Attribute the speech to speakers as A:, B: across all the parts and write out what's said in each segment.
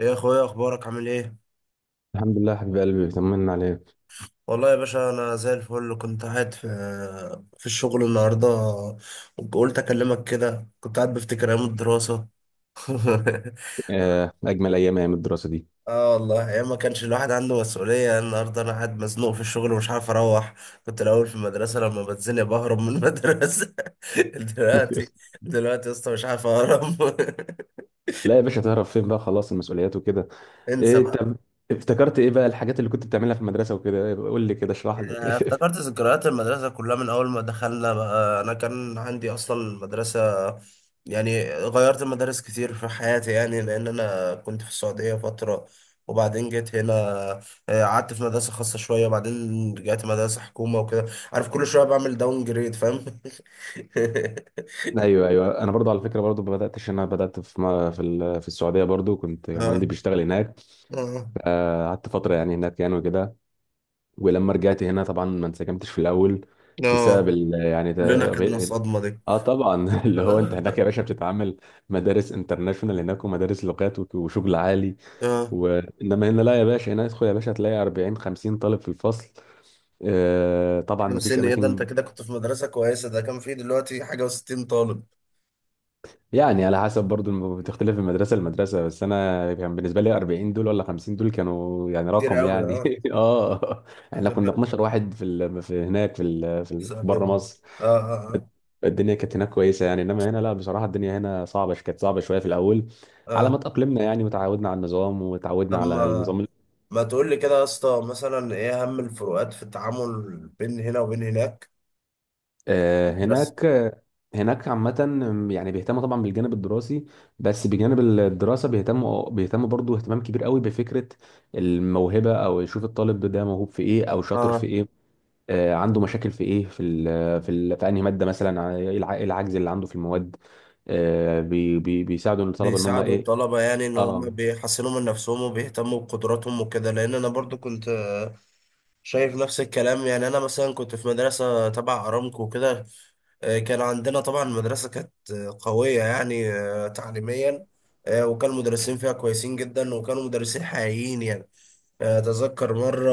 A: ايه يا اخويا، إيه اخبارك؟ عامل ايه؟
B: الحمد لله حبيب قلبي بيطمنا عليك.
A: والله يا باشا، انا زي الفل. كنت قاعد في الشغل النهارده وقلت اكلمك كده. كنت قاعد بفتكر ايام الدراسه.
B: آه، اجمل ايام، ايام الدراسه دي.
A: اه، والله ايام ما كانش الواحد عنده مسؤوليه. النهارده انا قاعد مزنوق في الشغل ومش عارف اروح. كنت الاول في المدرسه، لما بتزنق بهرب من المدرسه. دلوقتي دلوقتي يا اسطى مش عارف اهرب.
B: لا يا باشا، تعرف فين بقى؟ خلاص المسؤوليات وكده. إيه
A: انسى.
B: انت؟ افتكرت ايه بقى الحاجات اللي كنت بتعملها في المدرسه وكده؟ إيه، قول لي كده، اشرح لي.
A: افتكرت ذكريات المدرسة كلها من أول ما دخلنا. بقى أنا كان عندي أصلا مدرسة، يعني غيرت مدارس كتير في حياتي، يعني لأن أنا كنت في السعودية فترة وبعدين جيت هنا. قعدت في مدرسة خاصة شوية وبعدين رجعت مدرسة حكومة وكده. عارف، كل شوية بعمل داون جريد، فاهم؟
B: ايوه ايوه، انا برضو على فكره، برضو ما بداتش، انا بدات في السعوديه. برضو كنت يعني
A: اه.
B: والدي بيشتغل هناك.
A: اه.
B: آه، قعدت فتره يعني هناك يعني وكده. ولما رجعت هنا طبعا ما انسجمتش في الاول،
A: آه.
B: يعني ده
A: كلنا خدنا
B: غير.
A: الصدمة دي.
B: اه طبعا. اللي هو انت هناك يا
A: اه.
B: باشا بتتعامل مدارس انترناشونال هناك ومدارس لغات وشغل عالي.
A: آه.
B: وانما هنا لا يا باشا، هنا ادخل يا باشا هتلاقي 40 50 طالب في الفصل. آه طبعا ما فيش
A: 50؟ ايه ده؟ انت
B: اماكن.
A: كده كنت في مدرسة كويسة، ده كان فيه دلوقتي حاجة و60 طالب.
B: يعني على حسب برضو بتختلف من مدرسه لمدرسه، بس انا كان بالنسبه لي 40 دول ولا 50 دول كانوا يعني
A: كتير
B: رقم
A: أوي،
B: يعني.
A: اه.
B: اه. احنا كنا 12 واحد في هناك، في بره
A: سلام.
B: مصر.
A: اه، اه، اه.
B: الدنيا كانت هناك كويسه يعني، انما هنا لا، بصراحه الدنيا هنا صعبه، كانت صعبه شويه في الاول على
A: اه.
B: ما تأقلمنا يعني، وتعودنا على النظام
A: طب ما ما تقول لي كده يا اسطى، مثلا ايه اهم الفروقات في التعامل بين هنا وبين هناك؟
B: آه،
A: بس.
B: هناك عامة يعني بيهتموا طبعا بالجانب الدراسي. بس بجانب الدراسة بيهتموا برضو اهتمام كبير قوي بفكرة الموهبة، او يشوف الطالب ده موهوب في ايه او شاطر في
A: اه.
B: ايه. آه، عنده مشاكل في ايه، في انهي مادة مثلا، ايه إيه العجز اللي عنده في المواد. آه، بي بي بيساعدوا الطلبة ان هم
A: بيساعدوا
B: ايه.
A: الطلبة يعني ان هم
B: اه،
A: بيحسنوا من نفسهم وبيهتموا بقدراتهم وكده، لان انا برضو كنت شايف نفس الكلام يعني. انا مثلا كنت في مدرسة تبع ارامكو وكده. كان عندنا طبعا المدرسة كانت قوية يعني تعليميا. وكان المدرسين فيها كويسين جدا وكانوا مدرسين حقيقيين يعني. أتذكر مرة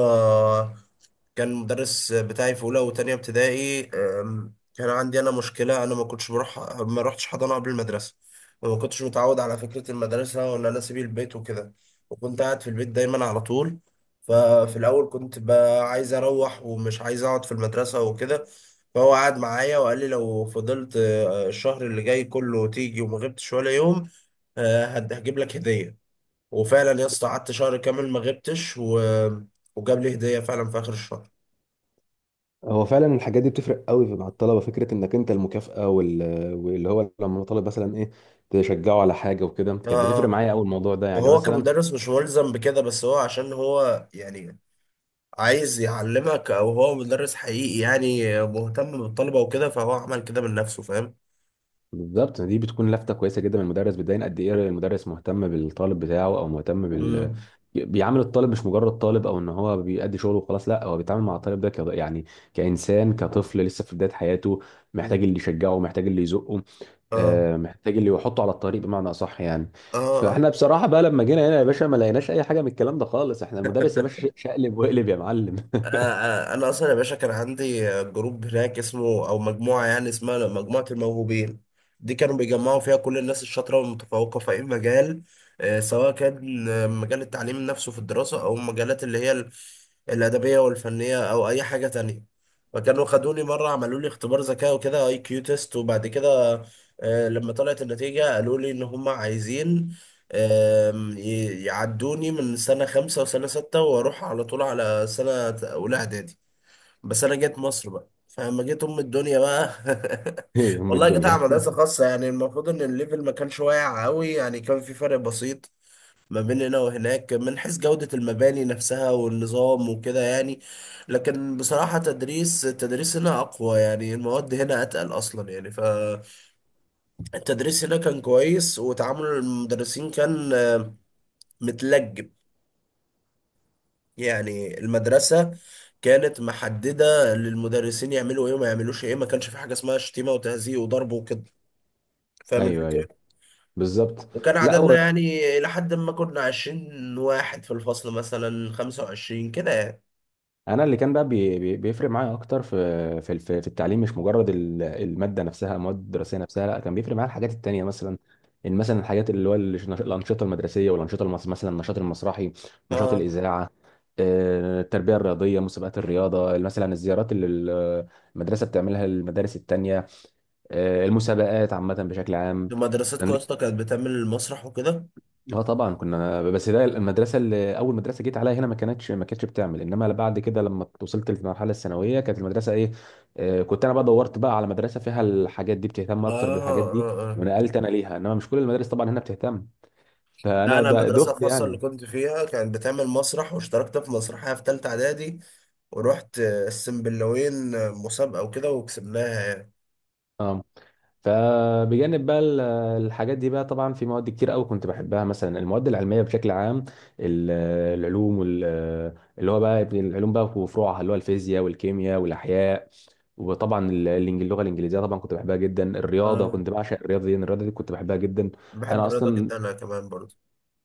A: كان المدرس بتاعي في أولى وتانية ابتدائي، كان عندي أنا مشكلة. أنا ما كنتش بروح، ما رحتش حضانة قبل المدرسة، وما كنتش متعود على فكرة المدرسة وإن أنا أسيب البيت وكده. وكنت قاعد في البيت دايما على طول. ففي الأول كنت بقى عايز أروح ومش عايز أقعد في المدرسة وكده. فهو قعد معايا وقال لي لو فضلت الشهر اللي جاي كله تيجي وما غبتش ولا يوم، هجيب لك هدية. وفعلا يا اسطى قعدت شهر كامل ما غبتش و... وجاب لي هديه فعلا في اخر الشهر.
B: هو فعلا الحاجات دي بتفرق قوي مع الطلبه، فكره انك انت المكافاه واللي هو لما طالب مثلا ايه تشجعه على حاجه وكده،
A: اه.
B: كانت بتفرق
A: اه.
B: معايا قوي الموضوع ده يعني
A: وهو
B: مثلا.
A: كمدرس مش ملزم بكده، بس هو عشان هو يعني عايز يعلمك، او هو مدرس حقيقي يعني مهتم بالطلبه وكده، فهو عمل كده من نفسه، فاهم؟
B: بالظبط، دي بتكون لفته كويسه جدا من المدرس، بتبين قد ايه المدرس مهتم بالطالب بتاعه او مهتم.
A: امم.
B: بيعامل الطالب مش مجرد طالب، او ان هو بيأدي شغله وخلاص، لا، هو بيتعامل مع الطالب ده يعني كانسان، كطفل لسه في بدايه حياته، محتاج اللي يشجعه، محتاج اللي يزقه،
A: اه.
B: آه، محتاج اللي يحطه على الطريق بمعنى اصح يعني.
A: اه.
B: فاحنا بصراحه بقى لما جينا هنا يا باشا ما لقيناش اي حاجه من الكلام ده خالص، احنا المدرس يا
A: آه.
B: باشا شقلب وقلب يا معلم.
A: انا اصلا يا باشا كان عندي جروب هناك اسمه او مجموعه، يعني اسمها مجموعه الموهوبين. دي كانوا بيجمعوا فيها كل الناس الشاطره والمتفوقه في اي مجال، سواء كان مجال التعليم نفسه في الدراسه او مجالات اللي هي الادبيه والفنيه او اي حاجه تانية. فكانوا خدوني مره عملوا لي اختبار ذكاء وكده، IQ تيست. وبعد كده لما طلعت النتيجه قالوا لي ان هم عايزين، يعدوني من سنة 5 وسنة ستة وأروح على طول على سنة أولى إعدادي. بس أنا جيت مصر بقى، فلما جيت أم الدنيا بقى
B: ام
A: والله جيت على
B: الدنيا.
A: مدرسة خاصة، يعني المفروض إن الليفل ما كانش واقع قوي، يعني كان في فرق بسيط ما بين هنا وهناك من حيث جودة المباني نفسها والنظام وكده يعني. لكن بصراحة تدريس التدريس هنا أقوى، يعني المواد هنا أتقل أصلا يعني، فالتدريس هنا كان كويس وتعامل المدرسين كان متلج. يعني المدرسة كانت محددة للمدرسين يعملوا ايه وما يعملوش ايه، ما كانش في حاجة اسمها شتيمة وتهزيء وضرب وكده، فاهم
B: ايوه ايوه،
A: الفكرة؟
B: بالظبط.
A: وكان
B: لا
A: عددنا
B: هو
A: يعني إلى حد ما كنا 20 واحد في الفصل، مثلا 25 كده يعني.
B: انا، اللي كان بقى بيفرق معايا اكتر في التعليم، مش مجرد الماده نفسها، المواد الدراسيه نفسها، لا، كان بيفرق معايا الحاجات التانيه مثلا. ان مثلا الحاجات اللي هو الانشطه المدرسيه والانشطه مثلا النشاط المسرحي، نشاط
A: اه.
B: الاذاعه، آه، التربيه الرياضيه، مسابقات الرياضه مثلا، الزيارات اللي المدرسه بتعملها للمدارس التانيه، آه، المسابقات عامه بشكل عام.
A: مدرستكم يا اسطى كانت بتعمل المسرح وكده؟
B: اه طبعا كنا، بس ده المدرسه اللي اول مدرسه جيت عليها هنا ما كانتش، بتعمل. انما بعد كده لما وصلت للمرحله الثانويه كانت المدرسه ايه، آه، كنت انا بقى دورت بقى على مدرسه فيها الحاجات دي، بتهتم
A: اه.
B: اكتر بالحاجات دي،
A: اه. اه.
B: ونقلت انا ليها. انما مش كل المدارس طبعا هنا بتهتم،
A: لا،
B: فانا
A: انا
B: ده
A: المدرسه
B: دخت
A: الخاصه اللي
B: يعني.
A: كنت فيها كانت بتعمل مسرح، واشتركت في مسرحيه في ثالثه اعدادي ورحت السنبلاوين مسابقه وكده وكسبناها.
B: اه. فبجانب بقى الحاجات دي بقى، طبعا في مواد كتير قوي كنت بحبها، مثلا المواد العلميه بشكل عام، ال- العلوم اللي هو بقى العلوم بقى وفروعها، اللي هو الفيزياء والكيمياء والاحياء، وطبعا اللغه الانجليزيه طبعا كنت بحبها جدا. الرياضه
A: يعني
B: كنت بعشق الرياضه دي، كنت بحبها جدا.
A: بحب
B: انا
A: الرياضة
B: اصلا،
A: جدا أنا كمان برضه.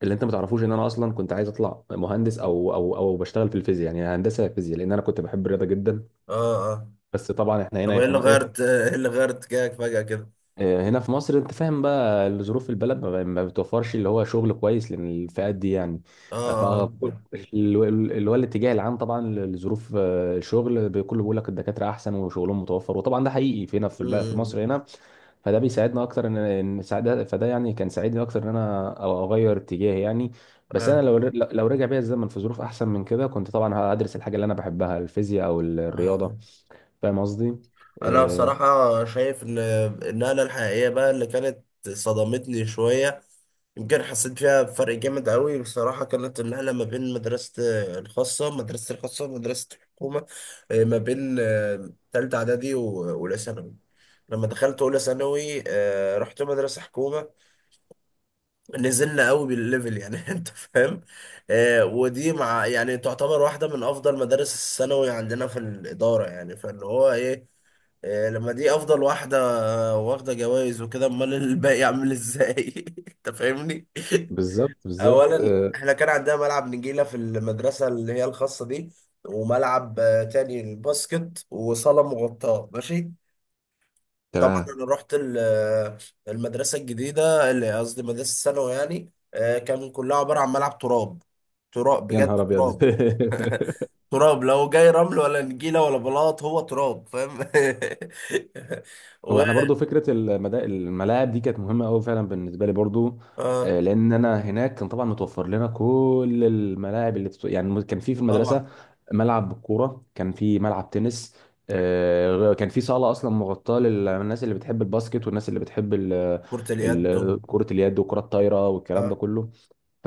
B: اللي انت ما تعرفوش، ان انا اصلا كنت عايز اطلع مهندس، او بشتغل في الفيزياء، يعني هندسه فيزياء، لان انا كنت بحب الرياضه جدا.
A: اه. اه.
B: بس طبعا احنا
A: طب
B: هنا،
A: ايه اللي غيرت؟ ايه اللي غيرت اتجاهك فجأة كده؟
B: آه، هنا في مصر انت فاهم بقى، ظروف البلد ما بتوفرش اللي هو شغل كويس للفئات دي يعني. ف
A: اه. اه.
B: اللي هو الاتجاه العام طبعا لظروف، آه، الشغل كله بيقول لك الدكاتره احسن وشغلهم متوفر، وطبعا ده حقيقي في هنا في
A: أمم.
B: مصر هنا. فده بيساعدنا اكتر، ان ان ساعد- فده يعني كان ساعدني اكتر ان انا اغير اتجاهي يعني. بس انا
A: عارف.
B: لو رجع بيا الزمن في ظروف احسن من كده، كنت طبعا هدرس الحاجه اللي انا بحبها، الفيزياء او الرياضه.
A: آه.
B: فاهم قصدي؟
A: انا
B: آه،
A: بصراحة شايف ان النقلة الحقيقية بقى اللي كانت صدمتني شوية، يمكن حسيت فيها بفرق جامد قوي بصراحة، كانت النقلة ما بين مدرسة الخاصة، مدرسة الخاصة ومدرسة الحكومة، ما بين تالتة إعدادي وأولى ثانوي. لما دخلت أولى ثانوي رحت مدرسة حكومة. نزلنا قوي بالليفل يعني، انت فاهم؟ ودي مع يعني تعتبر واحده من افضل مدارس الثانوي عندنا في الاداره، يعني فاللي هو ايه، لما دي افضل واحده واخده جوائز وكده، امال الباقي عامل ازاي؟ انت فاهمني.
B: بالظبط بالظبط،
A: اولا
B: آه،
A: احنا كان عندنا ملعب نجيله في المدرسه اللي هي الخاصه دي، وملعب تاني، الباسكت، وصاله مغطاه. ماشي. طبعا
B: تمام.
A: انا رحت المدرسه الجديده، اللي قصدي مدرسه الثانوي يعني، كان كلها عباره عن ملعب تراب. تراب
B: يا
A: بجد
B: نهار ابيض.
A: تراب. تراب لو جاي رمل ولا نجيله ولا بلاط، هو تراب، فاهم؟
B: هو
A: و.
B: احنا برضو فكره الملاعب دي كانت مهمه قوي فعلا بالنسبه لي برضو.
A: اه،
B: آه، لان انا هناك كان طبعا متوفر لنا كل الملاعب اللي يعني كان في
A: طبعا.
B: المدرسه ملعب كوره، كان في ملعب تنس، آه، كان في صاله اصلا مغطاه للناس اللي بتحب الباسكت والناس اللي بتحب
A: كره اليد
B: كره اليد وكره الطايره والكلام ده
A: اه.
B: كله.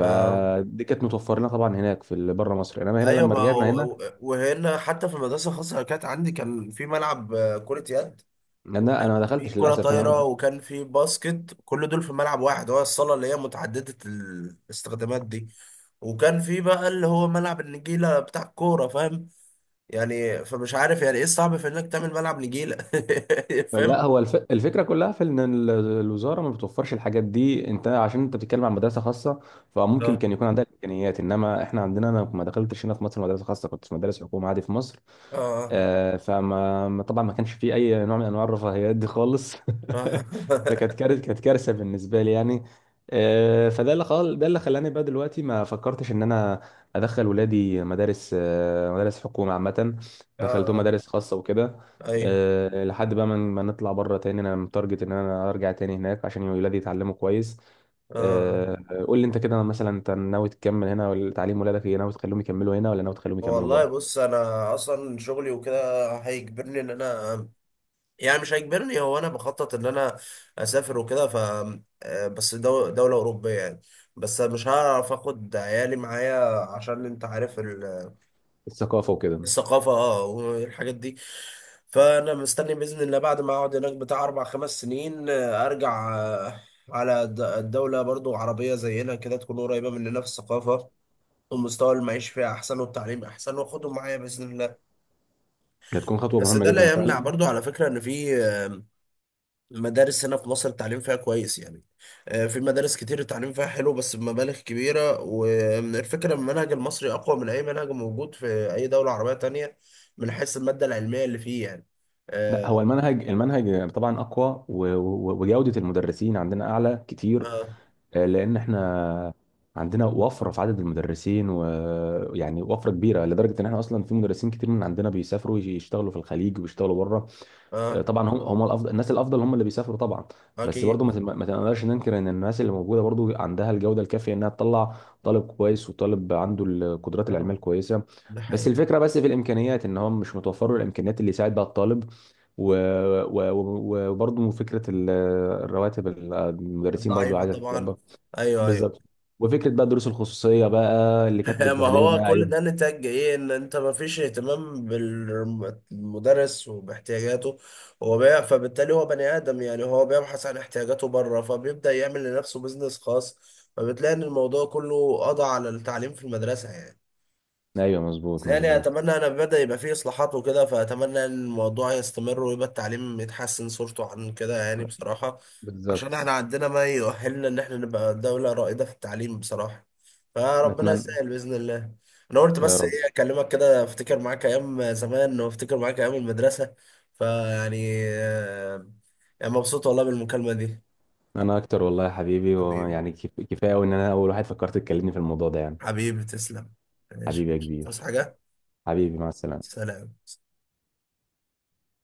A: اه.
B: كانت متوفر لنا طبعا هناك في بره مصر، انما هنا
A: ايوه،
B: لما
A: ما
B: رجعنا هنا،
A: هو- وهنا حتى في المدرسه الخاصه اللي كانت عندي كان في ملعب كره يد، وكان
B: انا ما
A: في
B: دخلتش
A: كرة
B: للاسف هنا.
A: طايرة، وكان في باسكت، كل دول في ملعب واحد، هو الصالة اللي هي متعددة الاستخدامات دي. وكان في بقى اللي هو ملعب النجيلة بتاع الكورة، فاهم؟ يعني فمش عارف يعني ايه الصعب في انك تعمل ملعب نجيلة،
B: لا
A: فاهم؟
B: هو الفكره كلها في ان الوزاره ما بتوفرش الحاجات دي. انت عشان انت بتتكلم عن مدرسه خاصه، فممكن
A: اه.
B: كان يكون عندها الامكانيات. انما احنا عندنا، انا ما دخلتش هنا في مصر مدرسه خاصه، كنت في مدارس حكومه عادي في مصر.
A: اه.
B: آه، فما ما- طبعا ما كانش فيه اي نوع من انواع الرفاهيات دي خالص.
A: اه.
B: فكانت كارثه، كانت كارثه بالنسبه لي يعني. آه، ده اللي خلاني بقى دلوقتي ما فكرتش ان انا ادخل ولادي مدارس، مدارس حكومه عامه. دخلتهم
A: اه.
B: مدارس خاصه وكده،
A: ايوه.
B: آه، لحد بقى ما نطلع بره تاني. انا متارجت ان انا ارجع تاني هناك عشان ولادي يتعلموا كويس.
A: اه. آه.
B: آه، قول لي انت كده مثلا، انت ناوي تكمل هنا ولا تعليم ولادك ايه؟ ناوي تخليهم يكملوا هنا ولا ناوي تخليهم يكملوا
A: والله
B: بره؟
A: بص، انا اصلا شغلي وكده هيجبرني ان انا، يعني مش هيجبرني، هو انا بخطط ان انا اسافر وكده، ف بس دولة أوروبية يعني. بس مش هعرف اخد عيالي معايا عشان انت عارف
B: الثقافه وكده.
A: الثقافة، اه، والحاجات دي. فانا مستني بإذن الله بعد ما اقعد هناك بتاع اربع خمس سنين ارجع، على الدولة برضو عربية زينا كده، تكون قريبة مننا في الثقافة ومستوى المعيش فيها احسن والتعليم احسن، واخدهم معايا بإذن الله.
B: هتكون خطوة
A: بس
B: مهمة
A: ده
B: جدا
A: لا يمنع
B: فعلا.
A: برضو على فكرة ان في المدارس هنا في مصر التعليم فيها كويس يعني، في مدارس كتير التعليم فيها حلو بس بمبالغ كبيرة. والفكرة إن المنهج المصري أقوى من أي منهج موجود في أي دولة عربية تانية، من حيث المادة العلمية اللي فيه يعني.
B: لا هو
A: آه.
B: المنهج، طبعا أقوى، وجودة المدرسين عندنا أعلى كتير.
A: آه.
B: آه، لأن احنا عندنا وفرة في عدد المدرسين، ويعني وفرة كبيرة لدرجة إن احنا أصلا في مدرسين كتير من عندنا بيسافروا يشتغلوا في الخليج وبيشتغلوا بره. آه،
A: آه.
B: طبعا هم، الافضل، الناس الافضل هم اللي بيسافروا طبعا.
A: آه،
B: بس برضو
A: أكيد.
B: ما ما تقدرش ننكر ان الناس اللي موجوده برضو عندها الجوده الكافيه انها تطلع طالب كويس، وطالب عنده القدرات العلميه
A: آه.
B: الكويسه.
A: ده
B: بس
A: حقيقة.
B: الفكره، بس في الامكانيات، ان هم مش متوفر له الامكانيات اللي يساعد بها الطالب. و- وبرضو فكره الرواتب المدرسين برضو
A: ضعيفة
B: عايزه
A: طبعا.
B: تتظبط.
A: أيوه، أيوه.
B: بالظبط. وفكره بقى الدروس الخصوصيه بقى اللي كانت
A: ما هو
B: بتبهدلنا،
A: كل
B: ايوه.
A: ده نتاج ايه ان انت ما فيش اهتمام بالمدرس وباحتياجاته، هو فبالتالي هو بني ادم يعني، هو بيبحث عن احتياجاته بره فبيبدأ يعمل لنفسه بيزنس خاص. فبتلاقي ان الموضوع كله قضى على التعليم في المدرسة يعني.
B: ايوه
A: بس
B: مظبوط
A: يعني
B: مظبوط.
A: اتمنى، انا بدأ يبقى فيه اصلاحات وكده، فاتمنى ان الموضوع يستمر ويبقى التعليم يتحسن صورته عن كده يعني بصراحة. عشان احنا
B: بالظبط.
A: عندنا ما يؤهلنا ان احنا نبقى دولة رائدة في التعليم بصراحة، فربنا
B: نتمنى.
A: يسهل بإذن الله. انا قلت
B: يا
A: بس
B: رب.
A: ايه اكلمك كده، افتكر معاك ايام زمان وافتكر معاك ايام المدرسة، فيعني يعني مبسوط والله بالمكالمة دي.
B: انا اكتر والله يا حبيبي،
A: حبيبي.
B: ويعني كفايه قوي ان انا اول واحد فكرت تكلمني في الموضوع ده يعني.
A: حبيبي تسلم. ماشي.
B: حبيبي يا
A: تصحى
B: كبير.
A: حاجة.
B: حبيبي مع السلامه.
A: سلام